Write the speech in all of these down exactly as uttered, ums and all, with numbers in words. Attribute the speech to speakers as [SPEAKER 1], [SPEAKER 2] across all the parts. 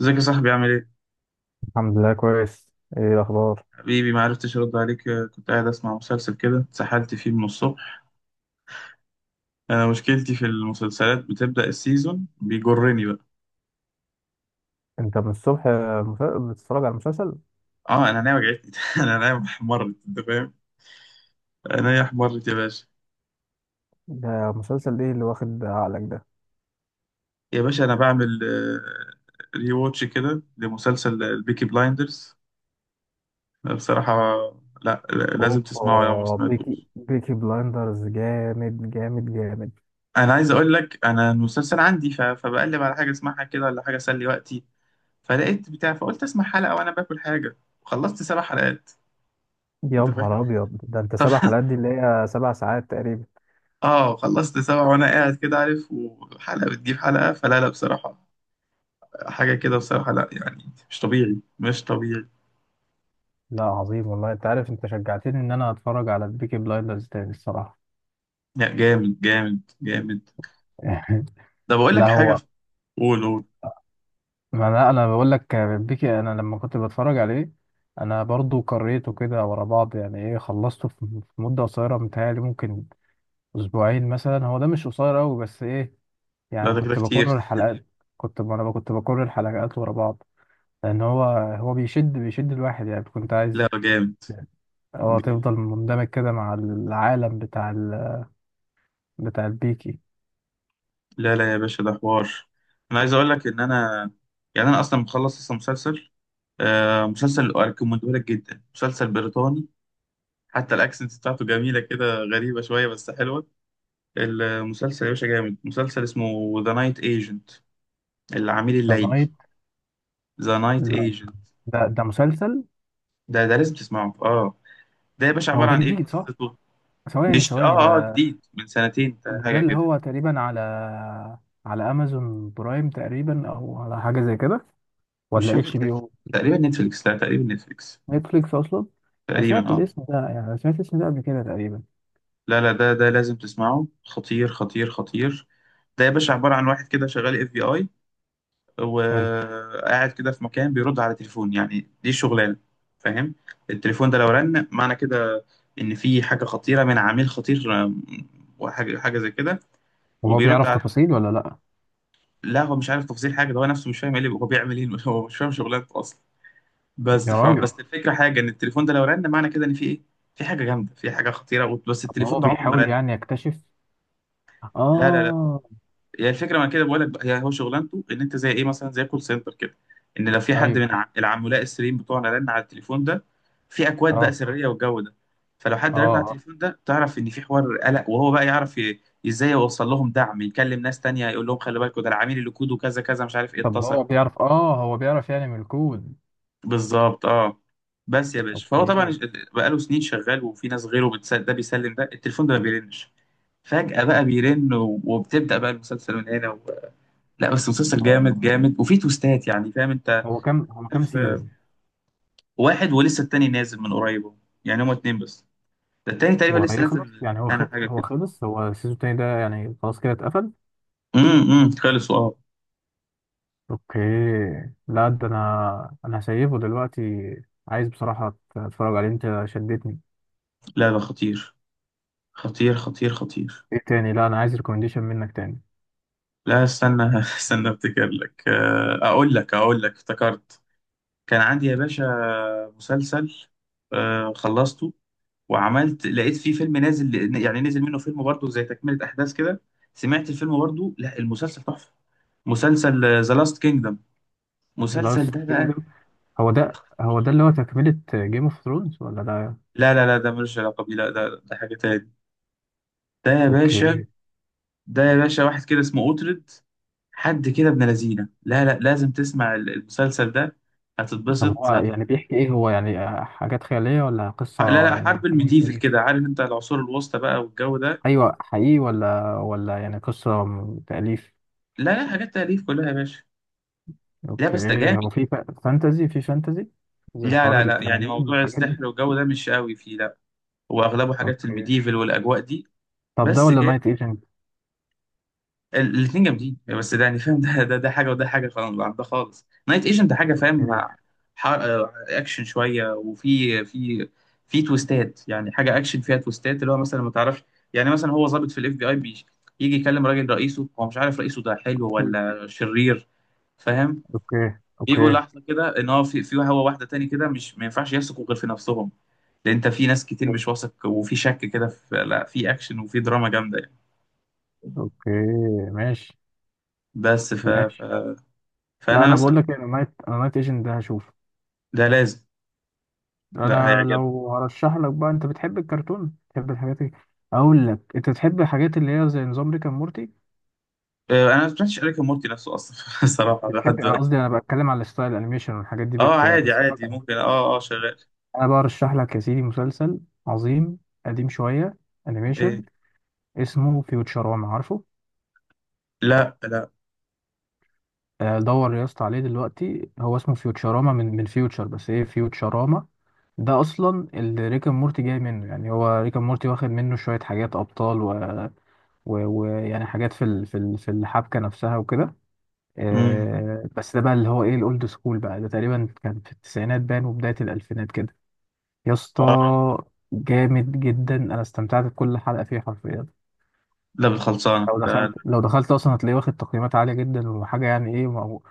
[SPEAKER 1] ازيك يا صاحبي، عامل ايه؟
[SPEAKER 2] الحمد لله كويس. ايه الاخبار؟
[SPEAKER 1] حبيبي، ما عرفتش ارد عليك، آه، كنت قاعد اسمع مسلسل كده، اتسحلت فيه من الصبح. انا مشكلتي في المسلسلات، بتبدأ السيزون بيجرني بقى.
[SPEAKER 2] انت من الصبح مس- بتتفرج على المسلسل؟
[SPEAKER 1] اه انا عينيا وجعتني. انا عينيا احمرت، انت فاهم؟ عينيا احمرت يا باشا.
[SPEAKER 2] ده مسلسل ايه اللي واخد عقلك ده؟
[SPEAKER 1] يا باشا انا بعمل ريواتش كده لمسلسل البيكي بلايندرز. بصراحة، لا لا- لازم تسمعه لو ما
[SPEAKER 2] اوبا، بيكي،
[SPEAKER 1] سمعتوش.
[SPEAKER 2] بيكي بلايندرز جامد جامد جامد.
[SPEAKER 1] انا عايز اقول لك، انا المسلسل عندي ف- فبقلب على حاجة اسمعها كده، ولا حاجة اسلي وقتي، فلقيت بتاع، فقلت اسمع حلقة وانا باكل حاجة، وخلصت سبع حلقات.
[SPEAKER 2] يا
[SPEAKER 1] انت فاهم.
[SPEAKER 2] نهار ابيض، ده انت سبع
[SPEAKER 1] خلصت.
[SPEAKER 2] حلقات دي اللي هي سبع ساعات تقريبا.
[SPEAKER 1] اه خلصت سبع وانا قاعد كده، عارف، وحلقة بتجيب حلقة، فلا لا بصراحة، حاجة كده بصراحة، لا يعني مش طبيعي، مش طبيعي.
[SPEAKER 2] لا عظيم والله، انت عارف انت شجعتني ان انا اتفرج على بيكي بلايندرز تاني الصراحه.
[SPEAKER 1] لا جامد جامد جامد. ده بقول
[SPEAKER 2] لا
[SPEAKER 1] لك حاجة.
[SPEAKER 2] هو،
[SPEAKER 1] قول قول.
[SPEAKER 2] ما انا انا بقول لك، بيكي انا لما كنت بتفرج عليه انا برضو قريته كده ورا بعض، يعني ايه، خلصته في في مده قصيره، متهيألي ممكن اسبوعين مثلا، هو ده مش قصير قوي بس ايه،
[SPEAKER 1] لا
[SPEAKER 2] يعني
[SPEAKER 1] ده كده
[SPEAKER 2] كنت
[SPEAKER 1] كتير.
[SPEAKER 2] بكرر الحلقات. كنت انا كنت بكرر الحلقات ورا بعض، لان هو هو بيشد بيشد الواحد، يعني كنت عايز
[SPEAKER 1] لا جامد
[SPEAKER 2] اه
[SPEAKER 1] جامد.
[SPEAKER 2] تفضل مندمج كده مع العالم بتاع ال... بتاع البيكي.
[SPEAKER 1] لا لا يا باشا، ده حوار. انا عايز اقول لك ان انا، يعني انا اصلا مخلص اصلا مسلسل، آه، مسلسل اريكومندهولك جدا، مسلسل بريطاني، حتى الاكسنت بتاعته جميله كده، غريبه شويه بس حلوه. المسلسل يا باشا جامد، مسلسل اسمه ذا نايت ايجنت. العميل الليلي.
[SPEAKER 2] نايت؟
[SPEAKER 1] ذا نايت
[SPEAKER 2] لا
[SPEAKER 1] ايجنت.
[SPEAKER 2] ده ده مسلسل.
[SPEAKER 1] ده ده لازم تسمعه، اه. ده يا باشا
[SPEAKER 2] هو
[SPEAKER 1] عباره
[SPEAKER 2] ده
[SPEAKER 1] عن ايه
[SPEAKER 2] جديد صح؟
[SPEAKER 1] قصته؟
[SPEAKER 2] ثواني
[SPEAKER 1] مش،
[SPEAKER 2] ثواني
[SPEAKER 1] اه اه
[SPEAKER 2] ده،
[SPEAKER 1] جديد من سنتين
[SPEAKER 2] ده ده
[SPEAKER 1] حاجه
[SPEAKER 2] اللي
[SPEAKER 1] كده.
[SPEAKER 2] هو تقريبا على على امازون برايم تقريبا، او على حاجه زي كده،
[SPEAKER 1] مش
[SPEAKER 2] ولا
[SPEAKER 1] فاكر
[SPEAKER 2] اتش بي
[SPEAKER 1] تق-
[SPEAKER 2] او؟
[SPEAKER 1] تقريبا نتفليكس، لا تقريبا نتفليكس.
[SPEAKER 2] نتفليكس اصلا. انا
[SPEAKER 1] تقريبا
[SPEAKER 2] سمعت
[SPEAKER 1] اه.
[SPEAKER 2] الاسم ده، يعني أنا سمعت الاسم ده قبل كده تقريبا.
[SPEAKER 1] لا لا، ده ده لازم تسمعه، خطير خطير خطير. ده يا باشا عباره عن واحد كده شغال اف بي اي، وقاعد كده في مكان بيرد على تليفون، يعني دي شغلانه، فاهم. التليفون ده لو رن معنى كده ان في حاجه خطيره من عميل خطير، آم، وحاجه حاجه زي كده.
[SPEAKER 2] هو
[SPEAKER 1] وبيرد
[SPEAKER 2] بيعرف
[SPEAKER 1] على.
[SPEAKER 2] تفاصيل ولا لا؟
[SPEAKER 1] لا هو مش عارف تفاصيل حاجه، ده هو نفسه مش فاهم ايه اللي هو بيعمل ايه. هو مش فاهم شغلانته اصلا. بس
[SPEAKER 2] يا
[SPEAKER 1] فاهم،
[SPEAKER 2] راجل،
[SPEAKER 1] بس الفكره حاجه، ان التليفون ده لو رن معنى كده ان في ايه، في حاجه جامده، في حاجه خطيره، بس
[SPEAKER 2] طب
[SPEAKER 1] التليفون
[SPEAKER 2] هو
[SPEAKER 1] ده عمره ما
[SPEAKER 2] بيحاول
[SPEAKER 1] رن.
[SPEAKER 2] يعني يكتشف؟
[SPEAKER 1] لا لا.
[SPEAKER 2] اه،
[SPEAKER 1] هي الفكره ما كده بقول لك بقى، هي هو شغلانته، ان انت زي ايه، مثلا زي كول سنتر كده، ان لو في حد
[SPEAKER 2] ايوه،
[SPEAKER 1] من ع- العملاء السريين بتوعنا رن على التليفون ده، في اكواد بقى
[SPEAKER 2] اه،
[SPEAKER 1] سريه والجو ده، فلو
[SPEAKER 2] اه،
[SPEAKER 1] حد رن على
[SPEAKER 2] آه.
[SPEAKER 1] التليفون ده تعرف ان في حوار قلق، وهو بقى يعرف ي- ازاي يوصل لهم دعم، يكلم ناس تانية يقول لهم خلي بالكوا، ده العميل اللي كوده كذا كذا، مش عارف ايه،
[SPEAKER 2] طب
[SPEAKER 1] اتصل.
[SPEAKER 2] هو بيعرف، اه هو بيعرف يعني من الكود؟
[SPEAKER 1] بالظبط اه. بس يا باشا فهو طبعا،
[SPEAKER 2] اوكي.
[SPEAKER 1] بقاله سنين شغال، وفي ناس غيره بتسل... ده بيسلم، ده التليفون ده ما بيرنش، فجأة بقى بيرن، و- وبتبدأ بقى المسلسل من هنا. لا بس مسلسل
[SPEAKER 2] اه،
[SPEAKER 1] جامد جامد، وفيه تويستات يعني، فاهم انت.
[SPEAKER 2] هو كام، هو كام
[SPEAKER 1] عارف، آه،
[SPEAKER 2] سيزون؟
[SPEAKER 1] واحد، ولسه التاني نازل من قريب اهو. يعني هما اتنين بس، ده التاني تقريبا لسه
[SPEAKER 2] وهيخلص
[SPEAKER 1] نازل.
[SPEAKER 2] يعني، هو خ...
[SPEAKER 1] انا حاجه
[SPEAKER 2] هو
[SPEAKER 1] كده،
[SPEAKER 2] خلص، هو السيزون التاني ده يعني خلاص كده اتقفل؟
[SPEAKER 1] امم خلصوا اه.
[SPEAKER 2] اوكي. لا ده انا، انا هسيبه دلوقتي. عايز بصراحة اتفرج عليه، انت شدتني.
[SPEAKER 1] لا ده خطير، خطير خطير خطير
[SPEAKER 2] ايه تاني؟ لا انا عايز ريكومنديشن منك تاني.
[SPEAKER 1] لا استنى، استنى افتكر لك، آه، اقول لك، اقول لك افتكرت. كان عندي يا باشا مسلسل، آه، خلصته، وعملت، لقيت فيه فيلم نازل، يعني نزل منه فيلم برضه زي تكملة أحداث كده، سمعت الفيلم برضه، لا المسلسل تحفة. مسلسل ذا لاست كينجدم. مسلسل
[SPEAKER 2] لاست
[SPEAKER 1] ده بقى.
[SPEAKER 2] كينجدم، هو ده هو ده اللي هو تكملة جيم اوف ثرونز ولا ده؟
[SPEAKER 1] لا لا لا، ده ملوش علاقة بيه، لا ده ده حاجة تاني. ده يا باشا،
[SPEAKER 2] اوكي.
[SPEAKER 1] ده يا باشا واحد كده اسمه أوترد، حد كده ابن لذينة، لا لا لازم تسمع ال- المسلسل ده،
[SPEAKER 2] طب هو
[SPEAKER 1] هتتبسط، هت...
[SPEAKER 2] يعني بيحكي ايه؟ هو يعني حاجات خيالية ولا
[SPEAKER 1] لا
[SPEAKER 2] قصة
[SPEAKER 1] لا،
[SPEAKER 2] يعني
[SPEAKER 1] حرب
[SPEAKER 2] حاجة من
[SPEAKER 1] الميديفل
[SPEAKER 2] التاريخ؟
[SPEAKER 1] كده، عارف انت، العصور الوسطى بقى والجو ده.
[SPEAKER 2] ايوه، حقيقي ولا ولا يعني قصة م- تأليف؟
[SPEAKER 1] لا لا، حاجات تأليف كلها يا باشا. لا
[SPEAKER 2] اوكي.
[SPEAKER 1] بس ده جامد.
[SPEAKER 2] هو في ف- فانتزي؟ في فانتزي زي
[SPEAKER 1] لا
[SPEAKER 2] حوار
[SPEAKER 1] لا لا، يعني
[SPEAKER 2] التنانين
[SPEAKER 1] موضوع
[SPEAKER 2] والحاجات دي؟
[SPEAKER 1] السحر والجو ده مش قوي فيه، لا. واغلبه حاجات
[SPEAKER 2] اوكي.
[SPEAKER 1] الميديفل والاجواء دي.
[SPEAKER 2] طب ده
[SPEAKER 1] بس
[SPEAKER 2] ولا
[SPEAKER 1] جاي.
[SPEAKER 2] نايت ايجنت؟
[SPEAKER 1] الاثنين جامدين، بس ده يعني فاهم، ده ده ده حاجه، وده حاجه خلاص، عن ده خالص، نايت ايجنت حاجه فاهم مع ح- آه، اكشن شويه، وفي في في تويستات، يعني حاجه اكشن فيها تويستات، اللي هو مثلا ما تعرفش، يعني مثلا هو ضابط في الاف بي اي، بيجي يجي يكلم راجل، رئيسه، هو مش عارف رئيسه ده حلو
[SPEAKER 2] اوكي
[SPEAKER 1] ولا شرير، فاهم.
[SPEAKER 2] اوكي.
[SPEAKER 1] يجوا
[SPEAKER 2] اوكي
[SPEAKER 1] لحظه كده ان هو في في هو واحده تاني كده، مش، ما ينفعش يثقوا غير في نفسهم، لان انت في ناس كتير مش واثق، وفي شك كده في، لا في اكشن وفي دراما جامده يعني.
[SPEAKER 2] اوكي. ماشي
[SPEAKER 1] بس ف... ف...
[SPEAKER 2] ماشي. لا
[SPEAKER 1] فانا
[SPEAKER 2] انا
[SPEAKER 1] مثلا.
[SPEAKER 2] بقول لك انا نايت، انا نايت ايجنت ده هشوف.
[SPEAKER 1] ده لازم. لا
[SPEAKER 2] انا
[SPEAKER 1] هيعجبك.
[SPEAKER 2] لو هرشح لك بقى، انت بتحب الكرتون، بتحب الحاجات دي؟ اقول لك، انت بتحب الحاجات اللي هي زي نظام ريك اند مورتي؟
[SPEAKER 1] آه، انا ما سمعتش اريك مورتي نفسه اصلا، الصراحه لحد
[SPEAKER 2] بتحب، انا قصدي
[SPEAKER 1] دلوقتي.
[SPEAKER 2] انا بتكلم على ستايل الانيميشن والحاجات دي،
[SPEAKER 1] اه
[SPEAKER 2] بت...
[SPEAKER 1] عادي
[SPEAKER 2] بتتفرج
[SPEAKER 1] عادي
[SPEAKER 2] على؟
[SPEAKER 1] ممكن، اه اه شغال.
[SPEAKER 2] انا بقى ارشح لك يا سيدي مسلسل عظيم، قديم شويه،
[SPEAKER 1] ايه.
[SPEAKER 2] انيميشن، اسمه فيوتشراما، عارفه؟
[SPEAKER 1] لا لا.
[SPEAKER 2] آه، دور يا اسطى عليه دلوقتي، هو اسمه فيوتشراما، من من فيوتشر، بس ايه، فيوتشراما ده اصلا اللي ريك اند مورتي جاي منه، يعني هو ريك اند مورتي واخد منه شويه حاجات، ابطال و و- ويعني حاجات في ال- في ال- في الحبكه نفسها وكده.
[SPEAKER 1] امم
[SPEAKER 2] آه، بس ده بقى اللي هو ايه، الاولد سكول بقى، ده تقريبا كان في التسعينات بان وبدايه الالفينات كده. يا اسطى
[SPEAKER 1] اه.
[SPEAKER 2] جامد جدا، انا استمتعت بكل حلقه فيه حرفيا.
[SPEAKER 1] ده بالخلصانه
[SPEAKER 2] لو
[SPEAKER 1] ده.
[SPEAKER 2] دخلت، لو دخلت اصلا هتلاقيه واخد تقييمات عاليه جدا، وحاجه يعني ايه، مو-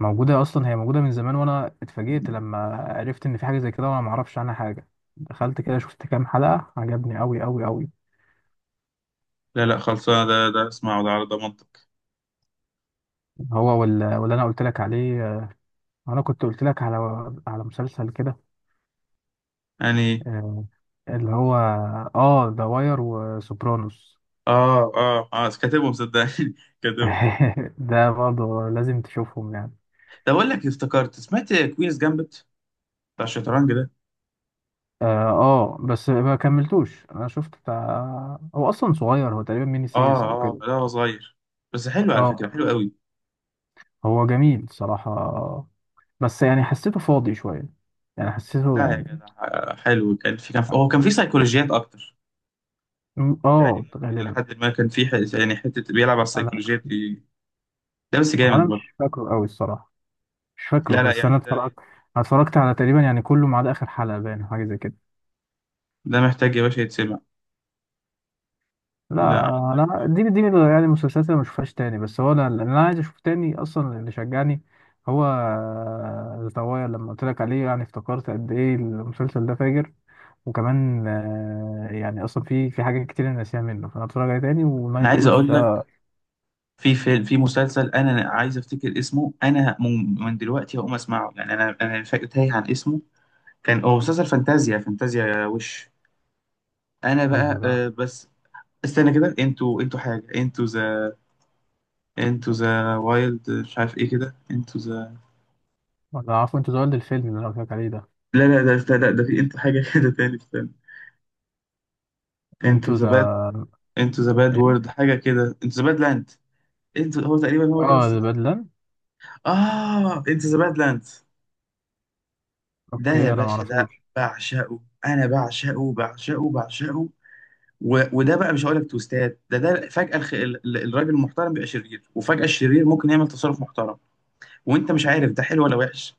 [SPEAKER 2] موجوده اصلا، هي موجوده من زمان، وانا اتفاجئت لما عرفت ان في حاجه زي كده وانا ما اعرفش عنها حاجه. دخلت كده شفت كام حلقه، عجبني قوي قوي قوي.
[SPEAKER 1] لا لا خلصانه، ده ده اسمعه ده على ضمانتك.
[SPEAKER 2] هو وال- واللي انا قلت لك عليه، انا كنت قلت لك على على مسلسل كده،
[SPEAKER 1] يعني.
[SPEAKER 2] آه، اللي هو اه ذا واير وسوبرانوس.
[SPEAKER 1] اه اه اه كاتبهم صدقني، كاتبهم.
[SPEAKER 2] ده برضه لازم تشوفهم يعني.
[SPEAKER 1] طب اقول لك، افتكرت سمعت كوينز جامبت، بتاع الشطرنج ده.
[SPEAKER 2] اه، آه، بس ما كملتوش، انا شفت بتاع، هو اصلا صغير، هو تقريبا ميني
[SPEAKER 1] اه.
[SPEAKER 2] سيريس او
[SPEAKER 1] اه
[SPEAKER 2] كده.
[SPEAKER 1] لا هو صغير، بس حلو على فكرة،
[SPEAKER 2] اه،
[SPEAKER 1] حلو قوي.
[SPEAKER 2] هو جميل صراحة، بس يعني حسيته فاضي شوية، يعني حسيته
[SPEAKER 1] لا يا
[SPEAKER 2] يعني،
[SPEAKER 1] جدع، آه، حلو، كان في كان في هو كان في سيكولوجيات اكتر،
[SPEAKER 2] م-
[SPEAKER 1] يعني
[SPEAKER 2] اه
[SPEAKER 1] ممكن
[SPEAKER 2] غالبا.
[SPEAKER 1] لحد ما كان في ح- يعني حتة بيلعب على
[SPEAKER 2] انا مش،
[SPEAKER 1] السيكولوجيات دي. ده بس
[SPEAKER 2] هو انا
[SPEAKER 1] جامد برضه.
[SPEAKER 2] مش فاكره قوي الصراحة، مش فاكره،
[SPEAKER 1] لا لا
[SPEAKER 2] بس انا
[SPEAKER 1] يعني
[SPEAKER 2] اتفرجت،
[SPEAKER 1] ده،
[SPEAKER 2] أنا اتفرجت على تقريبا يعني كله ما عدا اخر حلقه باين أو حاجه زي كده.
[SPEAKER 1] ده محتاج يا باشا يتسمع. لا
[SPEAKER 2] لا
[SPEAKER 1] عندك.
[SPEAKER 2] انا دي دي يعني المسلسلات اللي ما اشوفهاش تاني، بس هو انا اللي انا عايز اشوف تاني اصلا، اللي شجعني هو الطوايا لما قلت لك عليه، يعني افتكرت قد ايه المسلسل ده فاجر، وكمان آه، يعني اصلا في في حاجات كتير انا ناسيها منه، فانا اتفرج عليه تاني
[SPEAKER 1] انا
[SPEAKER 2] ونايت
[SPEAKER 1] عايز
[SPEAKER 2] ايجنت
[SPEAKER 1] اقول لك،
[SPEAKER 2] ده.
[SPEAKER 1] في في في مسلسل انا عايز افتكر اسمه، انا من من دلوقتي هقوم اسمعه يعني، انا انا فاكر تايه عن اسمه، كان هو مسلسل فانتازيا، فانتازيا وش. انا
[SPEAKER 2] انهي
[SPEAKER 1] بقى،
[SPEAKER 2] بقى؟
[SPEAKER 1] آه، بس استنى كده، انتوا انتوا حاجة، انتوا انتو ذا وايلد، مش عارف ايه كده، انتو ذا،
[SPEAKER 2] ولا عارفه، انتوا ذا وايلد، الفيلم اللي انا قلت لك عليه ده؟
[SPEAKER 1] لا لا ده، لا لا، ده في انتو حاجة كده تاني، استنى. انتو
[SPEAKER 2] انتوا
[SPEAKER 1] ذا باد،
[SPEAKER 2] ذا
[SPEAKER 1] انتو ذا باد
[SPEAKER 2] ايه؟
[SPEAKER 1] وورد حاجة كده، انتو ذا باد لاند. انتو، هو تقريبا هو كده،
[SPEAKER 2] اه، ذا
[SPEAKER 1] استنى.
[SPEAKER 2] بدلان.
[SPEAKER 1] اه انتو ذا باد لاند، ده يا
[SPEAKER 2] اوكي، انا ما
[SPEAKER 1] باشا، ده
[SPEAKER 2] اعرفوش.
[SPEAKER 1] بعشقه. انا بعشقه بعشقه بعشقه. و... وده بقى مش هقول لك توستات، ده ده فجأة الخ... ال- ال- الراجل المحترم بيبقى شرير، وفجأة الشرير ممكن يعمل تصرف محترم، وانت مش عارف ده حلو ولا وحش،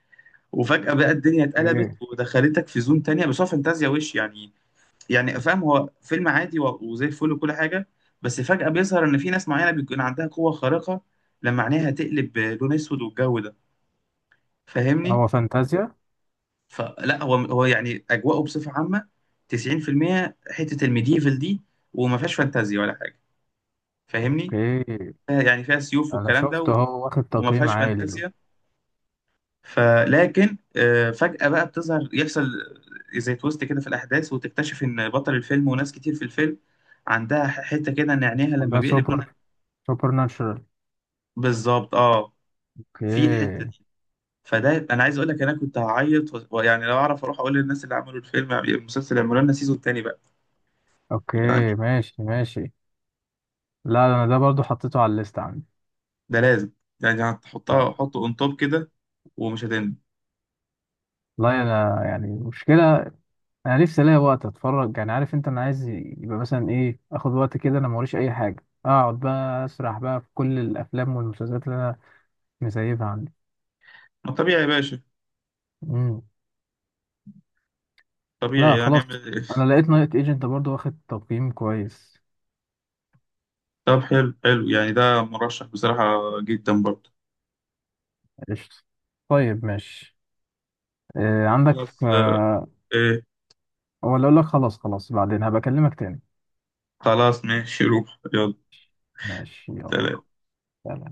[SPEAKER 1] وفجأة بقى الدنيا اتقلبت،
[SPEAKER 2] ايه؟
[SPEAKER 1] ودخلتك في زون تانية، بس هو فانتازيا وش يعني. يعني فاهم، هو فيلم عادي و- وزي الفل وكل حاجة، بس فجأة بيظهر إن في ناس معينة بيكون عندها قوة خارقة، لما عينيها تقلب لون أسود والجو ده، فاهمني؟
[SPEAKER 2] هو فانتازيا؟
[SPEAKER 1] فلا هو هو يعني أجواءه بصفة عامة، تسعين في المية حتة الميديفل دي، وما فيهاش فانتازيا ولا حاجة، فاهمني؟
[SPEAKER 2] اوكي،
[SPEAKER 1] فيها- يعني فيها سيوف
[SPEAKER 2] انا
[SPEAKER 1] والكلام ده،
[SPEAKER 2] شفت
[SPEAKER 1] و-
[SPEAKER 2] هو واخد
[SPEAKER 1] وما
[SPEAKER 2] تقييم
[SPEAKER 1] فيهاش
[SPEAKER 2] عالي.
[SPEAKER 1] فانتازيا، فلكن، آه، فجأة بقى بتظهر، يحصل زي تويست كده في الأحداث، وتكتشف إن بطل الفيلم وناس كتير في الفيلم عندها ح- حتة كده، إن عينيها لما
[SPEAKER 2] ده
[SPEAKER 1] بيقلب
[SPEAKER 2] سوبر،
[SPEAKER 1] لون.
[SPEAKER 2] سوبر ناتشورال؟
[SPEAKER 1] بالظبط اه. في الحته
[SPEAKER 2] اوكي.
[SPEAKER 1] دي، فده انا عايز اقول لك، انا كنت هعيط، و- ويعني لو اعرف اروح اقول للناس اللي عملوا الفيلم المسلسل، اعملوا لنا سيزون تاني بقى.
[SPEAKER 2] اوكي
[SPEAKER 1] يعني،
[SPEAKER 2] ماشي ماشي. لا انا ده برضو حطيته على الليست عندي.
[SPEAKER 1] ده لازم، يعني
[SPEAKER 2] آه.
[SPEAKER 1] هتحطها حطه اون توب كده، ومش هتندم.
[SPEAKER 2] والله انا يعني مشكلة، انا نفسي الاقي وقت اتفرج، يعني عارف انت انا عايز يبقى مثلا ايه، اخد وقت كده، انا موريش اي حاجة، اقعد بقى اسرح بقى في كل الافلام والمسلسلات اللي انا مسيبها عندي.
[SPEAKER 1] ما طبيعي يا باشا،
[SPEAKER 2] مم.
[SPEAKER 1] طبيعي،
[SPEAKER 2] لا
[SPEAKER 1] يعني
[SPEAKER 2] خلاص،
[SPEAKER 1] اعمل إيه؟
[SPEAKER 2] انا لقيت نايت ايجنت برضو واخد تقييم كويس.
[SPEAKER 1] طب حلو حلو، يعني ده مرشح بصراحه جدا برضه.
[SPEAKER 2] قشطة. طيب ماشي. إيه عندك؟
[SPEAKER 1] خلاص، آه.
[SPEAKER 2] آه،
[SPEAKER 1] ايه.
[SPEAKER 2] ولا اقول لك خلاص خلاص، بعدين هبكلمك تاني.
[SPEAKER 1] خلاص ماشي، روح يلا.
[SPEAKER 2] ماشي يلا.
[SPEAKER 1] سلام.
[SPEAKER 2] سلام.